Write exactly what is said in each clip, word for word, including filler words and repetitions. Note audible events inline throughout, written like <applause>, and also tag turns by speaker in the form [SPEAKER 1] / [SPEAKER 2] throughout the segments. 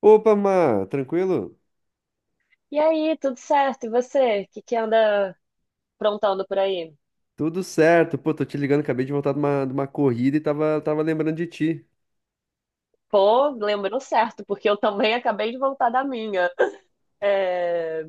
[SPEAKER 1] Opa, Má, tranquilo?
[SPEAKER 2] E aí, tudo certo? E você? O que que anda aprontando por aí?
[SPEAKER 1] Tudo certo. Pô, tô te ligando, acabei de voltar de uma, de uma corrida e tava, tava lembrando de ti.
[SPEAKER 2] Pô, lembrou certo, porque eu também acabei de voltar da minha. É,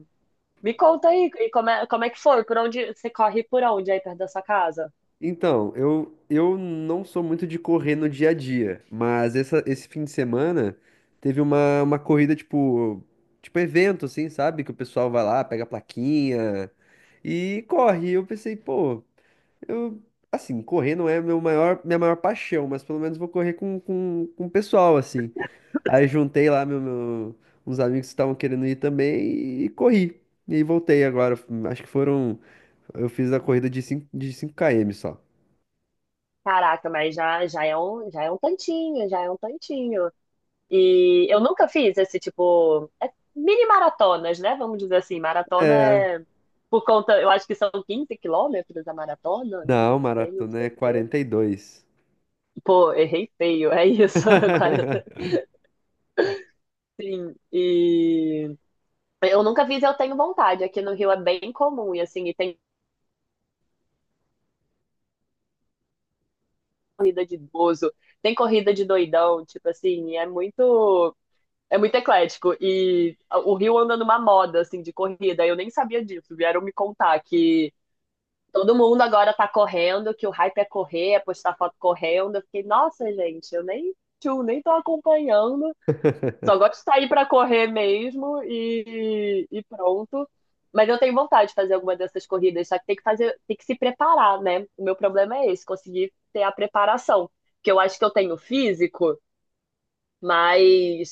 [SPEAKER 2] me conta aí, e como é, como é que foi? Por onde você corre por onde aí perto da sua casa?
[SPEAKER 1] Então, eu, eu não sou muito de correr no dia a dia, mas essa, esse fim de semana teve uma, uma corrida, tipo, tipo evento, assim, sabe? Que o pessoal vai lá, pega a plaquinha e corre. E eu pensei, pô, Eu, assim, correr não é meu maior, minha maior paixão, mas pelo menos vou correr com, com, com o pessoal, assim. Aí juntei lá meu, meu- uns amigos que estavam querendo ir também e corri. E voltei agora. Acho que foram. Eu fiz a corrida de cinco de cinco km só.
[SPEAKER 2] Caraca, mas já, já é um, já é um tantinho, já é um tantinho. E eu nunca fiz esse tipo, é mini maratonas, né? Vamos dizer assim, maratona é por conta, eu acho que são quinze quilômetros a maratona, não
[SPEAKER 1] Não,
[SPEAKER 2] tenho
[SPEAKER 1] maratona é
[SPEAKER 2] certeza.
[SPEAKER 1] quarenta e dois.
[SPEAKER 2] Pô, errei feio, é isso. <laughs> Agora, eu tô-
[SPEAKER 1] <laughs>
[SPEAKER 2] sim. E eu nunca fiz, eu tenho vontade. Aqui no Rio é bem comum, e assim, e tem corrida de idoso, tem corrida de doidão, tipo assim, e é muito, é muito eclético. E o Rio anda numa moda, assim, de corrida. Eu nem sabia disso, vieram me contar que todo mundo agora tá correndo, que o hype é correr, é postar foto correndo. Eu fiquei, nossa, gente, eu nem, tchum, nem tô acompanhando. Só gosto de sair pra correr mesmo e, e pronto. Mas eu tenho vontade de fazer alguma dessas corridas, só que tem que fazer, tem que se preparar, né? O meu problema é esse, conseguir ter a preparação. Porque eu acho que eu tenho físico, mas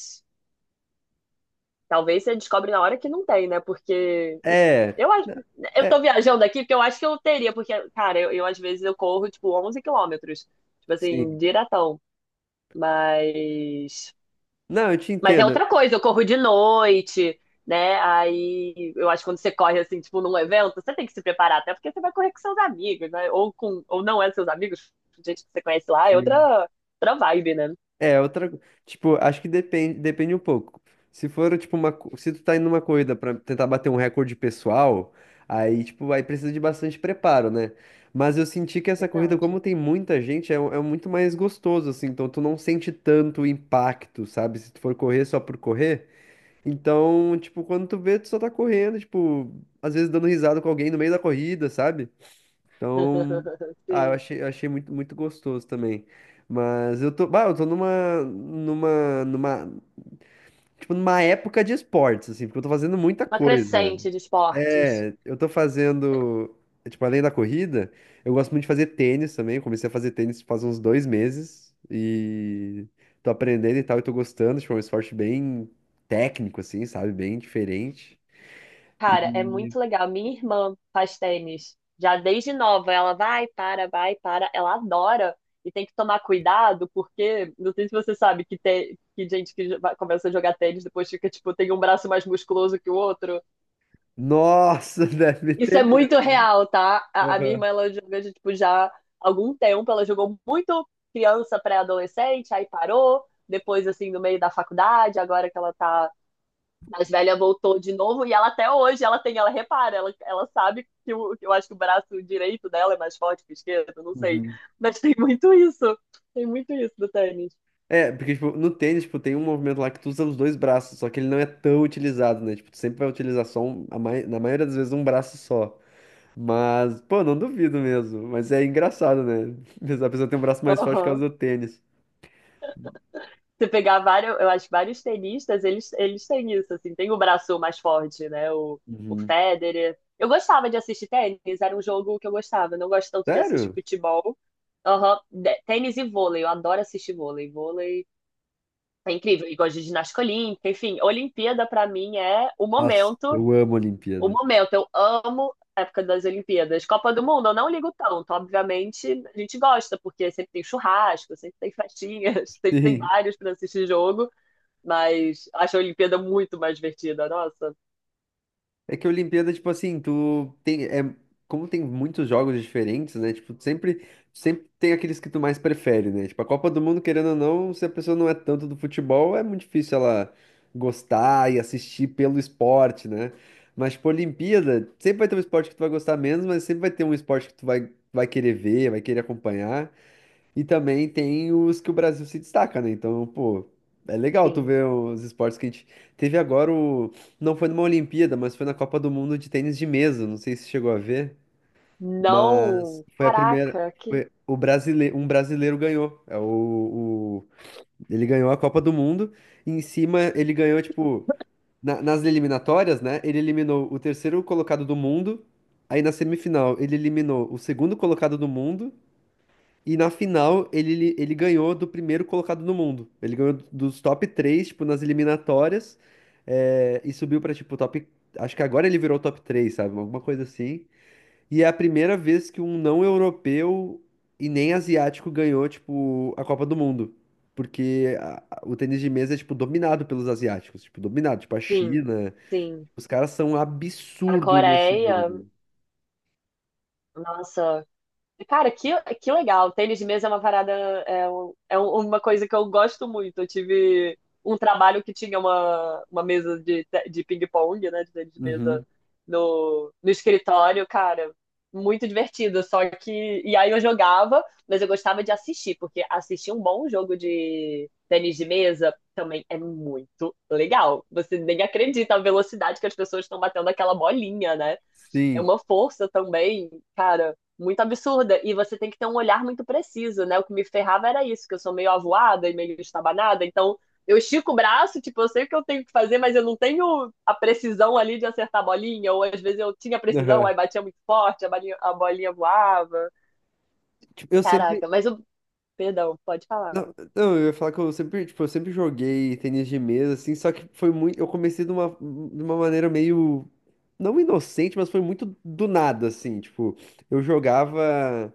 [SPEAKER 2] talvez você descobre na hora que não tem, né? Porque
[SPEAKER 1] É,
[SPEAKER 2] eu acho, eu tô
[SPEAKER 1] é,
[SPEAKER 2] viajando aqui porque eu acho que eu teria, porque, cara, eu, eu às vezes eu corro tipo onze quilômetros, tipo assim,
[SPEAKER 1] sim.
[SPEAKER 2] diretão. Mas
[SPEAKER 1] Não, eu te
[SPEAKER 2] Mas é
[SPEAKER 1] entendo.
[SPEAKER 2] outra coisa, eu corro de noite, né? Aí eu acho que quando você corre assim, tipo, num evento, você tem que se preparar, até porque você vai correr com seus amigos, né? Ou com, ou não é seus amigos, gente que você conhece lá, é
[SPEAKER 1] Sim.
[SPEAKER 2] outra, outra vibe, né?
[SPEAKER 1] É, outra. Tipo, acho que depende, depende um pouco. Se for, tipo, uma. co- Se tu tá indo numa corrida pra tentar bater um recorde pessoal, aí, tipo, aí precisa de bastante preparo, né? Mas eu senti que essa corrida, como
[SPEAKER 2] Verdade.
[SPEAKER 1] tem muita gente, é, é um- é muito mais gostoso, assim. Então tu não sente tanto o impacto, sabe? Se tu for correr só por correr. Então, tipo, quando tu vê, tu só tá correndo, tipo, às vezes dando risada com alguém no meio da corrida, sabe? Então,
[SPEAKER 2] <laughs>
[SPEAKER 1] ah, eu
[SPEAKER 2] Sim.
[SPEAKER 1] achei, eu achei muito, muito gostoso também. Mas eu tô, bah, eu tô numa, numa, numa, tipo, numa época de esportes, assim, porque eu tô fazendo muita
[SPEAKER 2] Uma
[SPEAKER 1] coisa.
[SPEAKER 2] crescente de esportes.
[SPEAKER 1] É, eu tô fazendo, tipo, além da corrida, eu gosto muito de fazer tênis também. Eu comecei a fazer tênis faz uns dois meses e tô aprendendo e tal, e tô gostando. Tipo, é um esporte bem técnico, assim, sabe? Bem diferente.
[SPEAKER 2] Cara, é
[SPEAKER 1] E,
[SPEAKER 2] muito legal. Minha irmã faz tênis já desde nova. Ela vai, para, vai, para. Ela adora e tem que tomar cuidado, porque não sei se você sabe que tem que gente que jo- vai- começa a jogar tênis depois fica, tipo, tem um braço mais musculoso que o outro.
[SPEAKER 1] nossa, <laughs> deve
[SPEAKER 2] Isso
[SPEAKER 1] ter
[SPEAKER 2] é muito
[SPEAKER 1] mesmo.
[SPEAKER 2] real, tá? A, a minha
[SPEAKER 1] Aham.
[SPEAKER 2] irmã, ela joga, já, tipo, já há algum tempo. Ela jogou muito criança, pré-adolescente, aí parou. Depois, assim, no meio da faculdade, agora que ela tá mais velha voltou de novo e ela até hoje ela tem, ela repara, ela, ela sabe que o, eu acho que o braço direito dela é mais forte que o esquerdo, não sei.
[SPEAKER 1] Uhum.
[SPEAKER 2] Mas tem muito isso. Tem muito isso do tênis.
[SPEAKER 1] É, porque, tipo, no tênis, tipo, tem um movimento lá que tu usa os dois braços, só que ele não é tão utilizado, né? Tipo, tu sempre vai utilizar só, um, a mai- na maioria das vezes, um braço só. Mas, pô, não duvido mesmo. Mas é engraçado, né? <laughs> A pessoa tem um braço mais forte por causa
[SPEAKER 2] Aham.
[SPEAKER 1] do tênis.
[SPEAKER 2] Você pegar vários, eu acho que vários tenistas, eles, eles têm isso, assim, tem o braço mais forte, né? O, o
[SPEAKER 1] Uhum.
[SPEAKER 2] Federer. Eu gostava de assistir tênis, era um jogo que eu gostava. Eu não gosto tanto de assistir
[SPEAKER 1] Sério?
[SPEAKER 2] futebol. Aham. De- Tênis e vôlei, eu adoro assistir vôlei. Vôlei é incrível. E gosto de ginástica olímpica. Enfim, Olimpíada pra mim é o
[SPEAKER 1] Nossa,
[SPEAKER 2] momento.
[SPEAKER 1] eu amo a
[SPEAKER 2] O
[SPEAKER 1] Olimpíada.
[SPEAKER 2] momento. Eu amo a época das Olimpíadas. Copa do Mundo, eu não ligo tanto. Obviamente, a gente gosta, porque sempre tem churrasco, sempre tem festinhas, <laughs> sempre tem
[SPEAKER 1] Sim.
[SPEAKER 2] vários pra assistir jogo. Mas acho a Olimpíada muito mais divertida. Nossa,
[SPEAKER 1] É que a Olimpíada, tipo assim, tu tem, é, como tem muitos jogos diferentes, né? Tipo, sempre, sempre tem aqueles que tu mais prefere, né? Tipo, a Copa do Mundo, querendo ou não, se a pessoa não é tanto do futebol, é muito difícil ela gostar e assistir pelo esporte, né? Mas, tipo, Olimpíada, sempre vai ter um esporte que tu vai gostar menos, mas sempre vai ter um esporte que tu vai, vai querer ver, vai querer acompanhar. E também tem os que o Brasil se destaca, né? Então, pô, é legal tu
[SPEAKER 2] sim.
[SPEAKER 1] ver os esportes que a gente teve agora o... Não foi numa Olimpíada, mas foi na Copa do Mundo de tênis de mesa. Não sei se chegou a ver, mas
[SPEAKER 2] Não.
[SPEAKER 1] foi a primeira.
[SPEAKER 2] Caraca, que.
[SPEAKER 1] Foi o brasile... Um brasileiro ganhou. É o... o- Ele ganhou a Copa do Mundo. E em cima ele ganhou, tipo, na- nas eliminatórias, né? Ele eliminou o terceiro colocado do mundo. Aí na semifinal ele eliminou o segundo colocado do mundo. E na final, ele, ele ganhou do primeiro colocado no mundo. Ele ganhou dos top três, tipo, nas eliminatórias. É, e subiu pra, tipo, top. Acho que agora ele virou top três, sabe? Alguma coisa assim. E é a primeira vez que um não europeu e nem asiático ganhou, tipo, a Copa do Mundo. Porque a- a- o tênis de mesa é, tipo, dominado pelos asiáticos. Tipo, dominado. Tipo, a
[SPEAKER 2] Sim,
[SPEAKER 1] China.
[SPEAKER 2] sim.
[SPEAKER 1] Os caras são um
[SPEAKER 2] A
[SPEAKER 1] absurdo nesse
[SPEAKER 2] Coreia,
[SPEAKER 1] jogo.
[SPEAKER 2] nossa, cara, que, que legal. Tênis de mesa é uma parada, é, um- é um- uma coisa que eu gosto muito. Eu tive um trabalho que tinha uma, uma mesa de, te- de ping-pong, né, de tênis de mesa
[SPEAKER 1] Uhum.
[SPEAKER 2] no, no escritório, cara, muito divertido. Só que, e aí eu jogava, mas eu gostava de assistir, porque assistir um bom jogo de tênis de mesa também é muito legal. Você nem acredita a velocidade que as pessoas estão batendo aquela bolinha, né? É
[SPEAKER 1] Sim.
[SPEAKER 2] uma força também, cara, muito absurda. E você tem que ter um olhar muito preciso, né? O que me ferrava era isso, que eu sou meio avoada e meio estabanada, então eu estico o braço, tipo, eu sei o que eu tenho que fazer, mas eu não tenho a precisão ali de acertar a bolinha, ou às vezes eu tinha
[SPEAKER 1] <laughs>
[SPEAKER 2] precisão,
[SPEAKER 1] Aham.
[SPEAKER 2] aí batia muito forte, a bolinha, a bolinha voava.
[SPEAKER 1] Tipo, eu sempre.
[SPEAKER 2] Caraca, mas eu. Perdão, pode falar.
[SPEAKER 1] Não, não, eu ia falar que eu sempre, tipo, eu sempre joguei tênis de mesa, assim, só que foi muito. Eu comecei de uma, de uma maneira meio. Não inocente, mas foi muito do nada, assim. Tipo, eu jogava.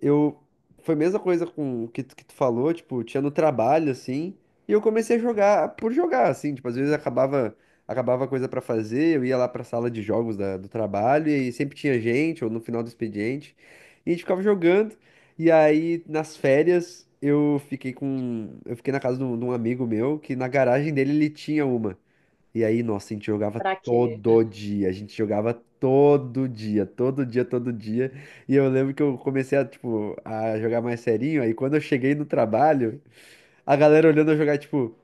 [SPEAKER 1] Eu. Foi a mesma coisa com o que, tu- que tu falou, tipo, tinha no trabalho, assim. E eu comecei a jogar por jogar, assim. Tipo, às vezes acabava, acabava coisa pra fazer, eu ia lá pra sala de jogos da- do trabalho, e aí sempre tinha gente, ou no final do expediente. E a gente ficava jogando. E aí, nas férias, eu fiquei com. Eu fiquei na casa de um, de um amigo meu que na garagem dele ele tinha uma. E aí, nossa, a gente jogava
[SPEAKER 2] Pra quê?
[SPEAKER 1] todo dia. A gente jogava todo dia, todo dia, todo dia. E eu lembro que eu comecei a, tipo, a jogar mais serinho. Aí quando eu cheguei no trabalho, a galera olhando eu jogar, tipo,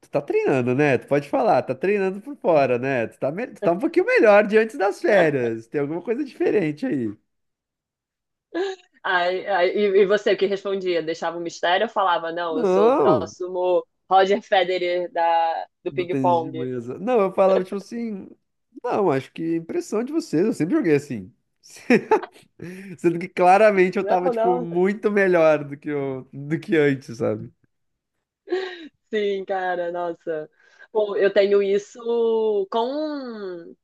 [SPEAKER 1] tu tá treinando, né? Tu pode falar, tá treinando por fora, né? Tu tá, me- tu tá um pouquinho melhor de antes das férias. Tem alguma coisa diferente aí.
[SPEAKER 2] Ah, e, e você, o que respondia? Deixava um mistério ou falava, não, eu sou o
[SPEAKER 1] Não!
[SPEAKER 2] próximo Roger Federer da, do
[SPEAKER 1] Do tênis de
[SPEAKER 2] ping-pong?
[SPEAKER 1] mesa. Não, eu falava tipo assim. Não, acho que é impressão de vocês. Eu sempre joguei assim. <laughs> Sendo que claramente eu tava,
[SPEAKER 2] Não,
[SPEAKER 1] tipo,
[SPEAKER 2] não,
[SPEAKER 1] muito melhor do que, eu, do que antes, sabe?
[SPEAKER 2] sim, cara, nossa. Pô, eu tenho isso com,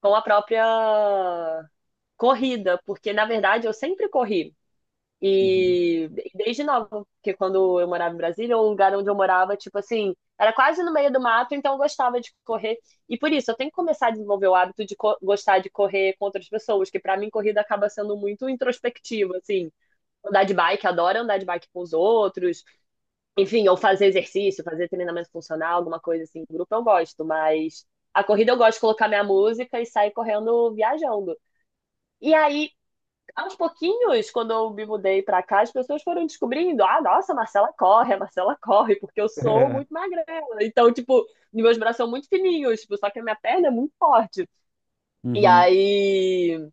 [SPEAKER 2] com a própria corrida, porque na verdade eu sempre corri.
[SPEAKER 1] Uhum.
[SPEAKER 2] E desde nova, porque quando eu morava em Brasília, o lugar onde eu morava, tipo assim, era quase no meio do mato, então eu gostava de correr. E por isso, eu tenho que começar a desenvolver o hábito de co- gostar de correr com outras pessoas, que pra mim corrida acaba sendo muito introspectiva, assim. Andar de bike, adoro andar de bike com os outros, enfim, ou fazer exercício, fazer treinamento funcional, alguma coisa assim, grupo eu gosto, mas a corrida eu gosto de colocar minha música e sair correndo viajando. E aí, aos pouquinhos, quando eu me mudei pra cá, as pessoas foram descobrindo: ah, nossa, a Marcela corre, a Marcela corre, porque eu sou muito
[SPEAKER 1] <laughs>
[SPEAKER 2] magrela. Então, tipo, meus braços são muito fininhos, tipo, só que a minha perna é muito forte. E
[SPEAKER 1] Uhum.
[SPEAKER 2] aí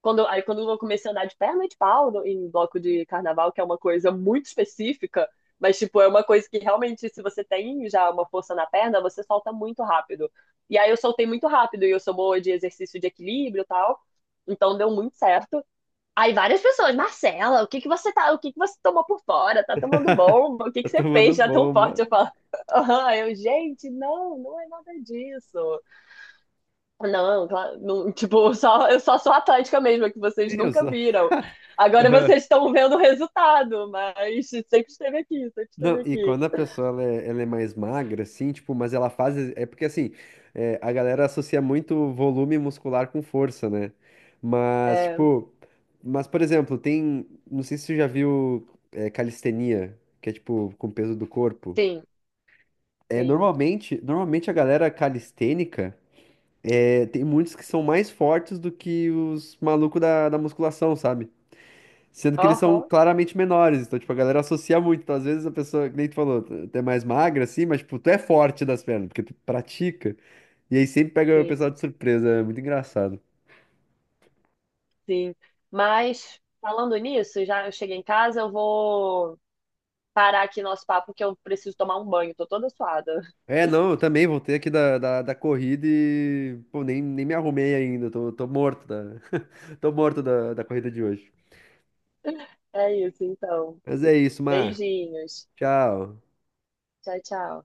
[SPEAKER 2] quando, aí quando eu comecei a andar de perna de pau no- em bloco de carnaval, que é uma coisa muito específica, mas tipo, é uma coisa que realmente, se você tem já uma força na perna, você solta muito rápido. E aí eu soltei muito rápido, e eu sou boa de exercício de equilíbrio e tal. Então deu muito certo. Aí várias pessoas, Marcela, o que que você tá, o que que você tomou por fora? Tá tomando bomba? O que
[SPEAKER 1] Tá
[SPEAKER 2] que você
[SPEAKER 1] tomando
[SPEAKER 2] fez já tão
[SPEAKER 1] bomba.
[SPEAKER 2] forte? Eu falo, <laughs> aham, eu, gente, não, não é nada disso. Não, claro, não, tipo, <laughs> só, eu só sou atlética mesmo, é que
[SPEAKER 1] Sim,
[SPEAKER 2] vocês
[SPEAKER 1] eu só.
[SPEAKER 2] nunca viram. Agora
[SPEAKER 1] <laughs>
[SPEAKER 2] vocês estão vendo o resultado, mas sempre esteve aqui, sempre
[SPEAKER 1] Não,
[SPEAKER 2] esteve
[SPEAKER 1] e
[SPEAKER 2] aqui.
[SPEAKER 1] quando a pessoa ela é, ela é mais magra, assim, tipo, mas ela faz. É porque assim, é, a galera associa muito volume muscular com força, né? Mas,
[SPEAKER 2] É,
[SPEAKER 1] tipo, mas, por exemplo, tem. Não sei se você já viu é, calistenia, que é tipo com peso do corpo.
[SPEAKER 2] sim,
[SPEAKER 1] É,
[SPEAKER 2] sim.
[SPEAKER 1] normalmente, normalmente a galera calistênica é, tem muitos que são mais fortes do que os malucos da, da musculação, sabe? Sendo que eles são
[SPEAKER 2] Aham,
[SPEAKER 1] claramente menores, então, tipo, a galera associa muito. Então, às vezes a pessoa, que nem tu falou, tu tu é mais magra, assim, mas, tipo, tu é forte das pernas, porque tu pratica. E aí sempre pega o pessoal
[SPEAKER 2] sim,
[SPEAKER 1] de surpresa, é muito engraçado.
[SPEAKER 2] sim. Mas, falando nisso, já eu cheguei em casa, eu vou parar aqui nosso papo, que eu preciso tomar um banho, tô toda suada. <laughs>
[SPEAKER 1] É, não, eu também voltei aqui da, da, da corrida e, pô, nem, nem me arrumei ainda, tô, tô morto da, <laughs> tô morto da, da corrida de hoje.
[SPEAKER 2] É isso, então.
[SPEAKER 1] Mas é isso, Mar.
[SPEAKER 2] Beijinhos.
[SPEAKER 1] Tchau.
[SPEAKER 2] Tchau, tchau.